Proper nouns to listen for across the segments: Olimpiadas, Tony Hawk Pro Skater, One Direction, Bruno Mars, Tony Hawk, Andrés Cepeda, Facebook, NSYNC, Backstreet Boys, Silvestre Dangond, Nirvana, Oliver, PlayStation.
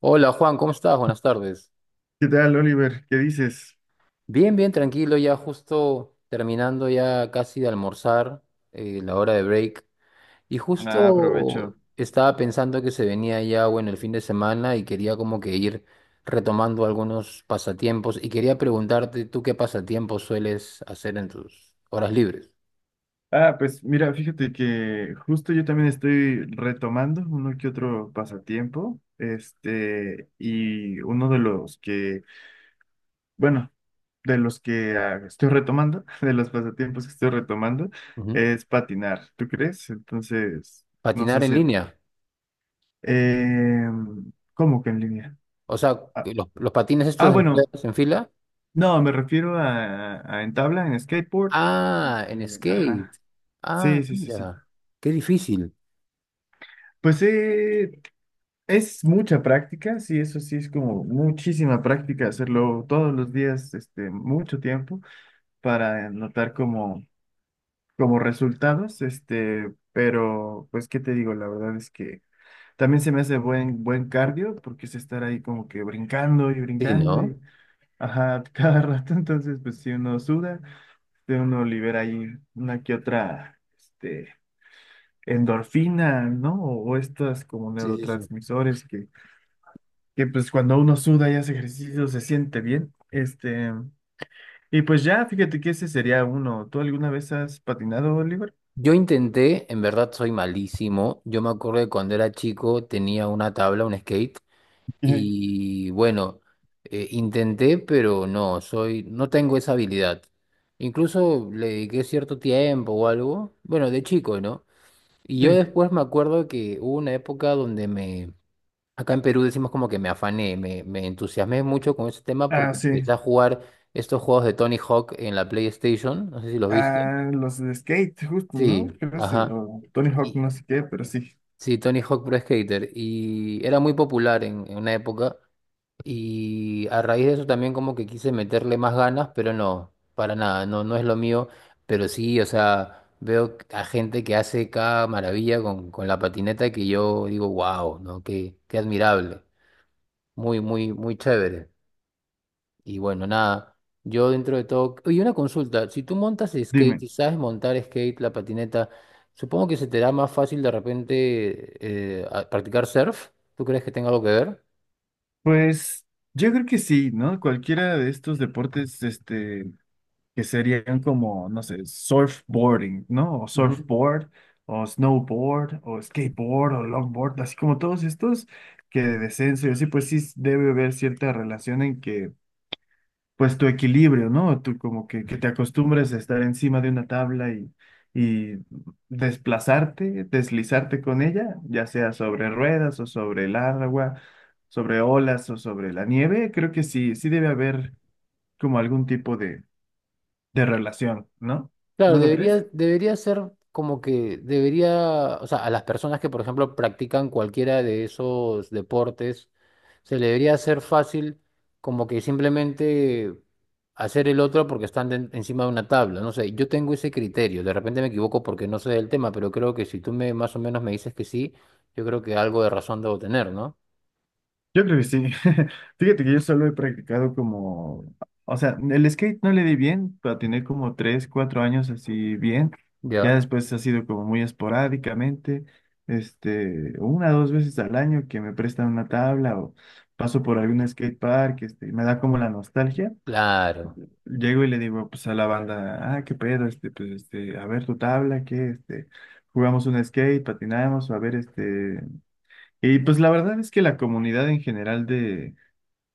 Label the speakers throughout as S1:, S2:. S1: Hola Juan, ¿cómo estás? Buenas tardes.
S2: ¿Qué tal, Oliver? ¿Qué dices?
S1: Bien, bien, tranquilo, ya justo terminando ya casi de almorzar, la hora de break. Y
S2: Ah, aprovecho.
S1: justo estaba pensando que se venía ya, bueno, el fin de semana y quería como que ir retomando algunos pasatiempos y quería preguntarte, ¿tú qué pasatiempos sueles hacer en tus horas libres?
S2: Ah, pues mira, fíjate que justo yo también estoy retomando uno que otro pasatiempo, y uno de los que, bueno, de los que estoy retomando, de los pasatiempos que estoy retomando,
S1: Ujú.
S2: es patinar, ¿tú crees? Entonces, no
S1: Patinar
S2: sé
S1: en
S2: si...
S1: línea.
S2: Eh, ¿cómo que en línea?
S1: O sea,
S2: Ah,
S1: que los patines estos
S2: ah,
S1: de
S2: bueno,
S1: ruedas en fila.
S2: no, me refiero a en tabla, en skateboard.
S1: Ah, en
S2: Ajá,
S1: skate.
S2: sí,
S1: Ah,
S2: sí, sí, sí.
S1: mira, qué difícil.
S2: Pues es mucha práctica, sí, eso sí, es como muchísima práctica hacerlo todos los días, mucho tiempo para notar como resultados, pero pues, ¿qué te digo? La verdad es que también se me hace buen cardio porque es estar ahí como que brincando y
S1: Sí,
S2: brincando
S1: ¿no?
S2: y, ajá, cada rato, entonces, pues si uno suda, de uno libera ahí una que otra, endorfina, ¿no? O estas como
S1: Sí, sí, sí.
S2: neurotransmisores que pues cuando uno suda y hace ejercicio se siente bien. Y pues ya, fíjate que ese sería uno. ¿Tú alguna vez has patinado, Oliver?
S1: Yo intenté, en verdad soy malísimo. Yo me acuerdo que cuando era chico tenía una tabla, un skate,
S2: Ujú.
S1: y bueno, intenté, pero no, soy, no tengo esa habilidad. Incluso le dediqué cierto tiempo o algo, bueno, de chico, ¿no? Y yo
S2: Sí.
S1: después me acuerdo que hubo una época donde acá en Perú decimos como que me afané, me entusiasmé mucho con ese tema
S2: Ah,
S1: porque
S2: sí.
S1: empecé a jugar estos juegos de Tony Hawk en la PlayStation, no sé si los viste.
S2: Ah, los de skate, justo, ¿no?
S1: Sí,
S2: Creo sí.
S1: ajá.
S2: O Tony Hawk, no
S1: Y
S2: sé qué, pero sí.
S1: Sí, Tony Hawk Pro Skater. Y era muy popular en una época. Y a raíz de eso también como que quise meterle más ganas, pero no, para nada, no, no es lo mío. Pero sí, o sea, veo a gente que hace cada maravilla con la patineta que yo digo, wow, ¿no? Qué admirable. Muy, muy, muy chévere. Y bueno, nada, yo dentro de todo... Oye, una consulta, si tú montas skate
S2: Dime.
S1: y sabes montar skate, la patineta, supongo que se te da más fácil de repente practicar surf. ¿Tú crees que tenga algo que ver?
S2: Pues yo creo que sí, ¿no? Cualquiera de estos deportes, que serían como, no sé, surfboarding, ¿no? O
S1: Ujú.
S2: surfboard, o snowboard, o skateboard, o longboard, así como todos estos que de descenso y así, pues sí debe haber cierta relación en que, pues tu equilibrio, ¿no? Tú como que te acostumbres a estar encima de una tabla y desplazarte, deslizarte con ella, ya sea sobre ruedas o sobre el agua, sobre olas o sobre la nieve, creo que sí, sí debe haber como algún tipo de relación, ¿no? ¿No
S1: Claro,
S2: lo crees?
S1: debería, debería ser como que debería, o sea, a las personas que, por ejemplo, practican cualquiera de esos deportes, se le debería hacer fácil como que simplemente hacer el otro porque están encima de una tabla. No sé, yo tengo ese criterio, de repente me equivoco porque no sé del tema, pero creo que si tú me más o menos me dices que sí, yo creo que algo de razón debo tener, ¿no?
S2: Yo creo que sí. Fíjate que yo solo he practicado como, o sea, el skate no le di bien, pero tener como 3, 4 años así bien. Ya
S1: Ya.
S2: después ha sido como muy esporádicamente, una dos veces al año que me prestan una tabla o paso por algún skate park, y me da como la nostalgia.
S1: Claro.
S2: Llego y le digo pues a la banda, ah, qué pedo, a ver tu tabla, qué, jugamos un skate, patinamos, a ver, y pues la verdad es que la comunidad en general de,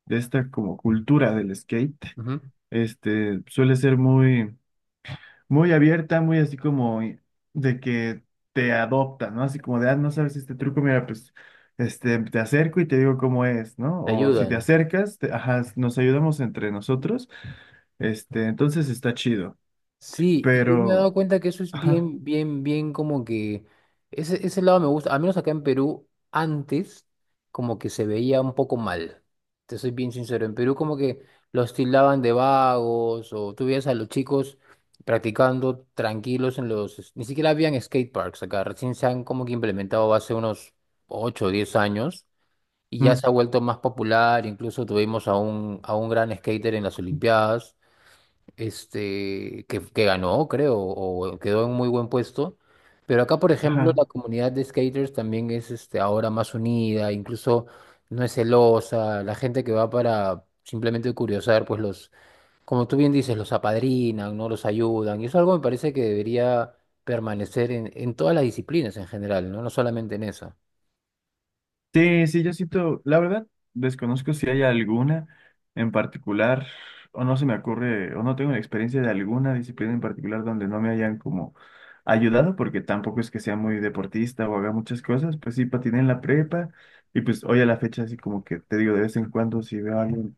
S2: de esta como cultura del skate,
S1: Ujú.
S2: suele ser muy, muy abierta, muy así como de que te adopta, ¿no? Así como de, ah, no sabes este truco, mira, pues, te acerco y te digo cómo es, ¿no?
S1: Te
S2: O si te
S1: ayudan.
S2: acercas, ajá, nos ayudamos entre nosotros, entonces está chido,
S1: Sí, y yo me he dado
S2: pero,
S1: cuenta que eso es
S2: ajá,
S1: bien, bien, bien como que ese lado me gusta, al menos acá en Perú, antes como que se veía un poco mal, te soy bien sincero, en Perú como que los tildaban de vagos o tú veías a los chicos practicando tranquilos en ni siquiera habían skate parks acá, recién se han como que implementado hace unos 8 o 10 años y ya
S2: mm,
S1: se ha vuelto más popular, incluso tuvimos a un gran skater en las Olimpiadas que ganó, creo, o quedó en muy buen puesto. Pero acá, por ejemplo,
S2: ajá.
S1: la comunidad de skaters también es este, ahora más unida, incluso no es celosa, la gente que va para simplemente curiosar, pues los, como tú bien dices, los apadrinan, ¿no? Los ayudan. Y eso es algo me parece que debería permanecer en todas las disciplinas en general, ¿no? No solamente en esa.
S2: Sí, sí, yo siento, la verdad, desconozco si hay alguna en particular, o no se me ocurre, o no tengo la experiencia de alguna disciplina en particular donde no me hayan como ayudado, porque tampoco es que sea muy deportista o haga muchas cosas, pues sí, patiné en la prepa, y pues hoy a la fecha así como que te digo, de vez en cuando si veo a alguien,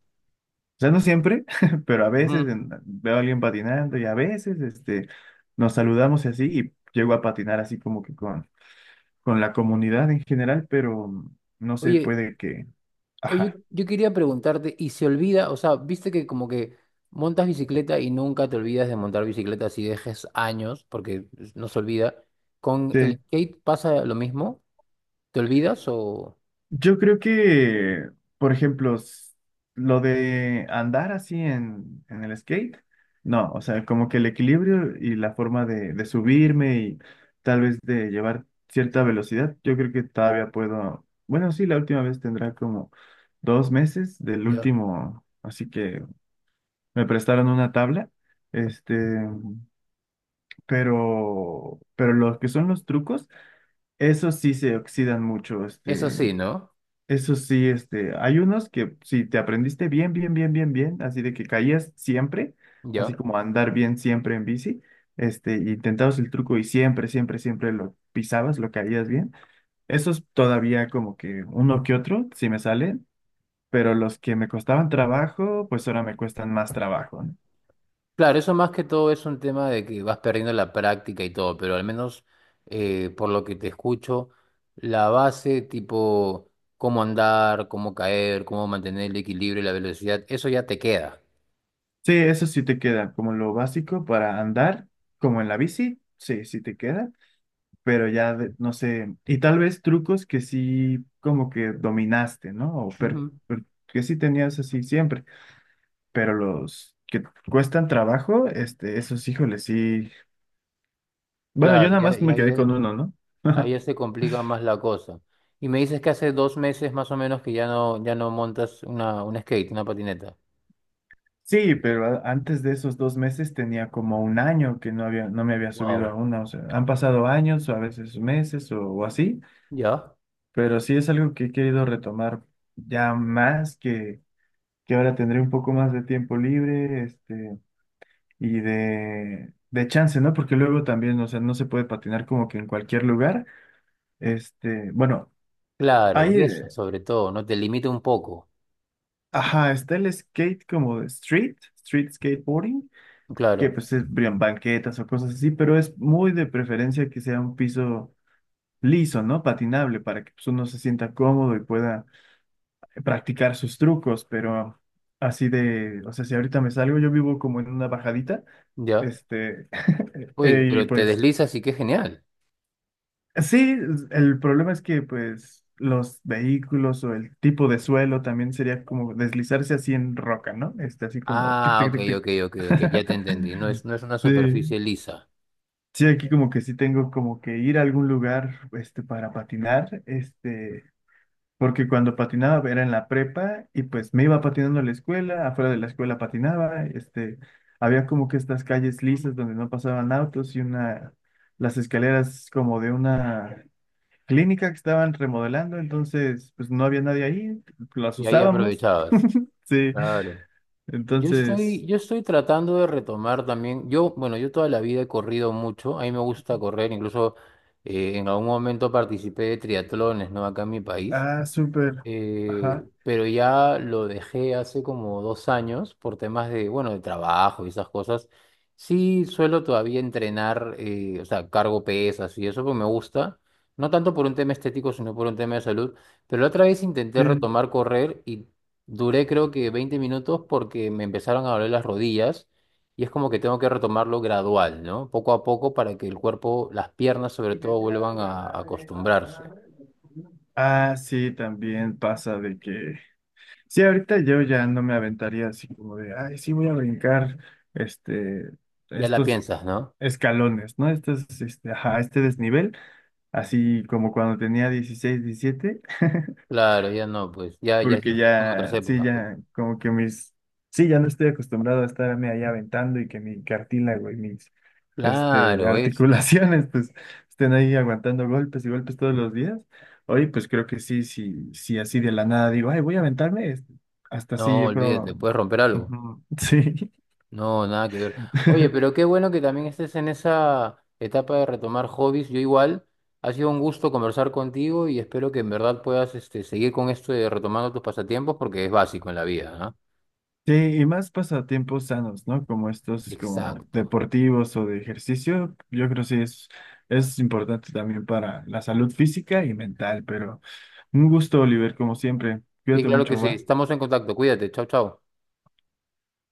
S2: o sea, no siempre, pero a veces
S1: Ujú.
S2: veo a alguien patinando y a veces, nos saludamos y así, y llego a patinar así como que con la comunidad en general, pero no sé,
S1: Oye,
S2: puede que...
S1: Oye, yo
S2: Ajá,
S1: yo quería preguntarte, ¿y se olvida? O sea, viste que como que montas bicicleta y nunca te olvidas de montar bicicleta si dejes años, porque no se olvida. ¿Con el
S2: sí.
S1: skate pasa lo mismo? ¿Te olvidas o...?
S2: Yo creo que, por ejemplo, lo de andar así en el skate, no, o sea, como que el equilibrio y la forma de subirme y tal vez de llevar cierta velocidad, yo creo que todavía puedo, bueno, sí, la última vez tendrá como 2 meses del
S1: Ya.
S2: último, así que me prestaron una tabla. Este, pero los que son los trucos, esos sí se oxidan mucho,
S1: Eso sí, ¿no?
S2: esos sí, hay unos que si te aprendiste bien, bien, bien, bien, bien, así de que caías siempre, así
S1: Ya.
S2: como andar bien siempre en bici, intentabas el truco y siempre, siempre, siempre lo pisabas, lo caías bien, esos todavía como que uno que otro, sí me salen, pero los que me costaban trabajo, pues ahora me cuestan más trabajo, ¿no?
S1: Claro, eso más que todo es un tema de que vas perdiendo la práctica y todo, pero al menos por lo que te escucho, la base tipo cómo andar, cómo caer, cómo mantener el equilibrio y la velocidad, eso ya te queda.
S2: Sí, eso sí te queda, como lo básico para andar, como en la bici, sí, sí te queda, pero ya no sé, y tal vez trucos que sí como que dominaste, ¿no? O que sí tenías así siempre, pero los que cuestan trabajo, esos híjoles, sí. Bueno, yo
S1: Claro,
S2: nada
S1: y
S2: más
S1: ahí,
S2: me
S1: ahí ya
S2: quedé con uno, ¿no?
S1: ahí ya se complica más la cosa. Y me dices que hace 2 meses más o menos que ya no, ya no montas un skate, una patineta.
S2: Sí, pero antes de esos 2 meses tenía como un año que no había, no me había subido a
S1: Wow.
S2: uno, o sea, han pasado años o a veces meses o así.
S1: ¿Ya?
S2: Pero sí es algo que he querido retomar ya más que ahora tendré un poco más de tiempo libre, y de chance, ¿no? Porque luego también, o sea, no se puede patinar como que en cualquier lugar. Bueno,
S1: Claro,
S2: hay,
S1: y eso sobre todo, ¿no? Te limita un poco.
S2: ajá, está el skate como de street skateboarding, que
S1: Claro,
S2: pues es brían, banquetas o cosas así, pero es muy de preferencia que sea un piso liso, ¿no? Patinable para que pues, uno se sienta cómodo y pueda practicar sus trucos, pero así de, o sea, si ahorita me salgo, yo vivo como en una bajadita,
S1: ¿ya?
S2: este,
S1: Uy,
S2: y
S1: pero te
S2: pues
S1: deslizas y qué genial.
S2: sí, el problema es que pues los vehículos o el tipo de suelo también sería como deslizarse así en roca, ¿no? Así como tic,
S1: Ah,
S2: tic,
S1: ok,
S2: tic, tic.
S1: ok, ok, ok, ya te entendí. No es, no es una
S2: Sí.
S1: superficie lisa.
S2: Sí, aquí como que sí tengo como que ir a algún lugar para patinar, porque cuando patinaba era en la prepa y pues me iba patinando a la escuela, afuera de la escuela patinaba, había como que estas calles lisas donde no pasaban autos y una, las escaleras como de una clínica que estaban remodelando, entonces pues no había nadie ahí, las
S1: Y ahí
S2: usábamos,
S1: aprovechabas.
S2: sí,
S1: Claro. Yo
S2: entonces,
S1: estoy, yo estoy tratando de retomar también. Yo, bueno, yo toda la vida he corrido mucho. A mí me gusta correr. Incluso en algún momento participé de triatlones, ¿no? Acá en mi país.
S2: ah, súper, ajá,
S1: Pero ya lo dejé hace como 2 años por temas de, bueno, de trabajo y esas cosas. Sí, suelo todavía entrenar, o sea, cargo pesas y eso, pues me gusta. No tanto por un tema estético, sino por un tema de salud. Pero la otra vez intenté
S2: sí.
S1: retomar correr y duré creo que 20 minutos porque me empezaron a doler las rodillas y es como que tengo que retomarlo gradual, ¿no? Poco a poco para que el cuerpo, las piernas sobre todo, vuelvan a acostumbrarse.
S2: Ah, sí, también pasa de que sí, ahorita yo ya no me aventaría así como de, ay, sí voy a brincar este,
S1: Ya la
S2: estos
S1: piensas, ¿no?
S2: escalones, ¿no? Ajá, este desnivel, así como cuando tenía 16, 17.
S1: Claro, ya no, pues, ya, ya
S2: Porque
S1: sí son otras
S2: ya, sí,
S1: épocas, pues.
S2: ya, como que mis, sí, ya no estoy acostumbrado a estarme ahí aventando y que mi cartílago y mis,
S1: Claro, es.
S2: articulaciones, pues, estén ahí aguantando golpes y golpes todos los días. Hoy, pues, creo que sí, sí, sí, así de la nada digo, ay, voy a aventarme, hasta así,
S1: No,
S2: yo
S1: olvídate,
S2: creo,
S1: puedes romper algo.
S2: ujú, sí.
S1: No, nada que ver. Oye, pero qué bueno que también estés en esa etapa de retomar hobbies. Yo igual, ha sido un gusto conversar contigo y espero que en verdad puedas este, seguir con esto de retomando tus pasatiempos porque es básico en la vida, ¿no?
S2: Sí, y más pasatiempos sanos, ¿no? Como estos, como
S1: Exacto.
S2: deportivos o de ejercicio, yo creo que sí es importante también para la salud física y mental, pero un gusto, Oliver, como siempre.
S1: Sí,
S2: Cuídate
S1: claro que
S2: mucho,
S1: sí.
S2: ¿va?
S1: Estamos en contacto. Cuídate. Chao, chao.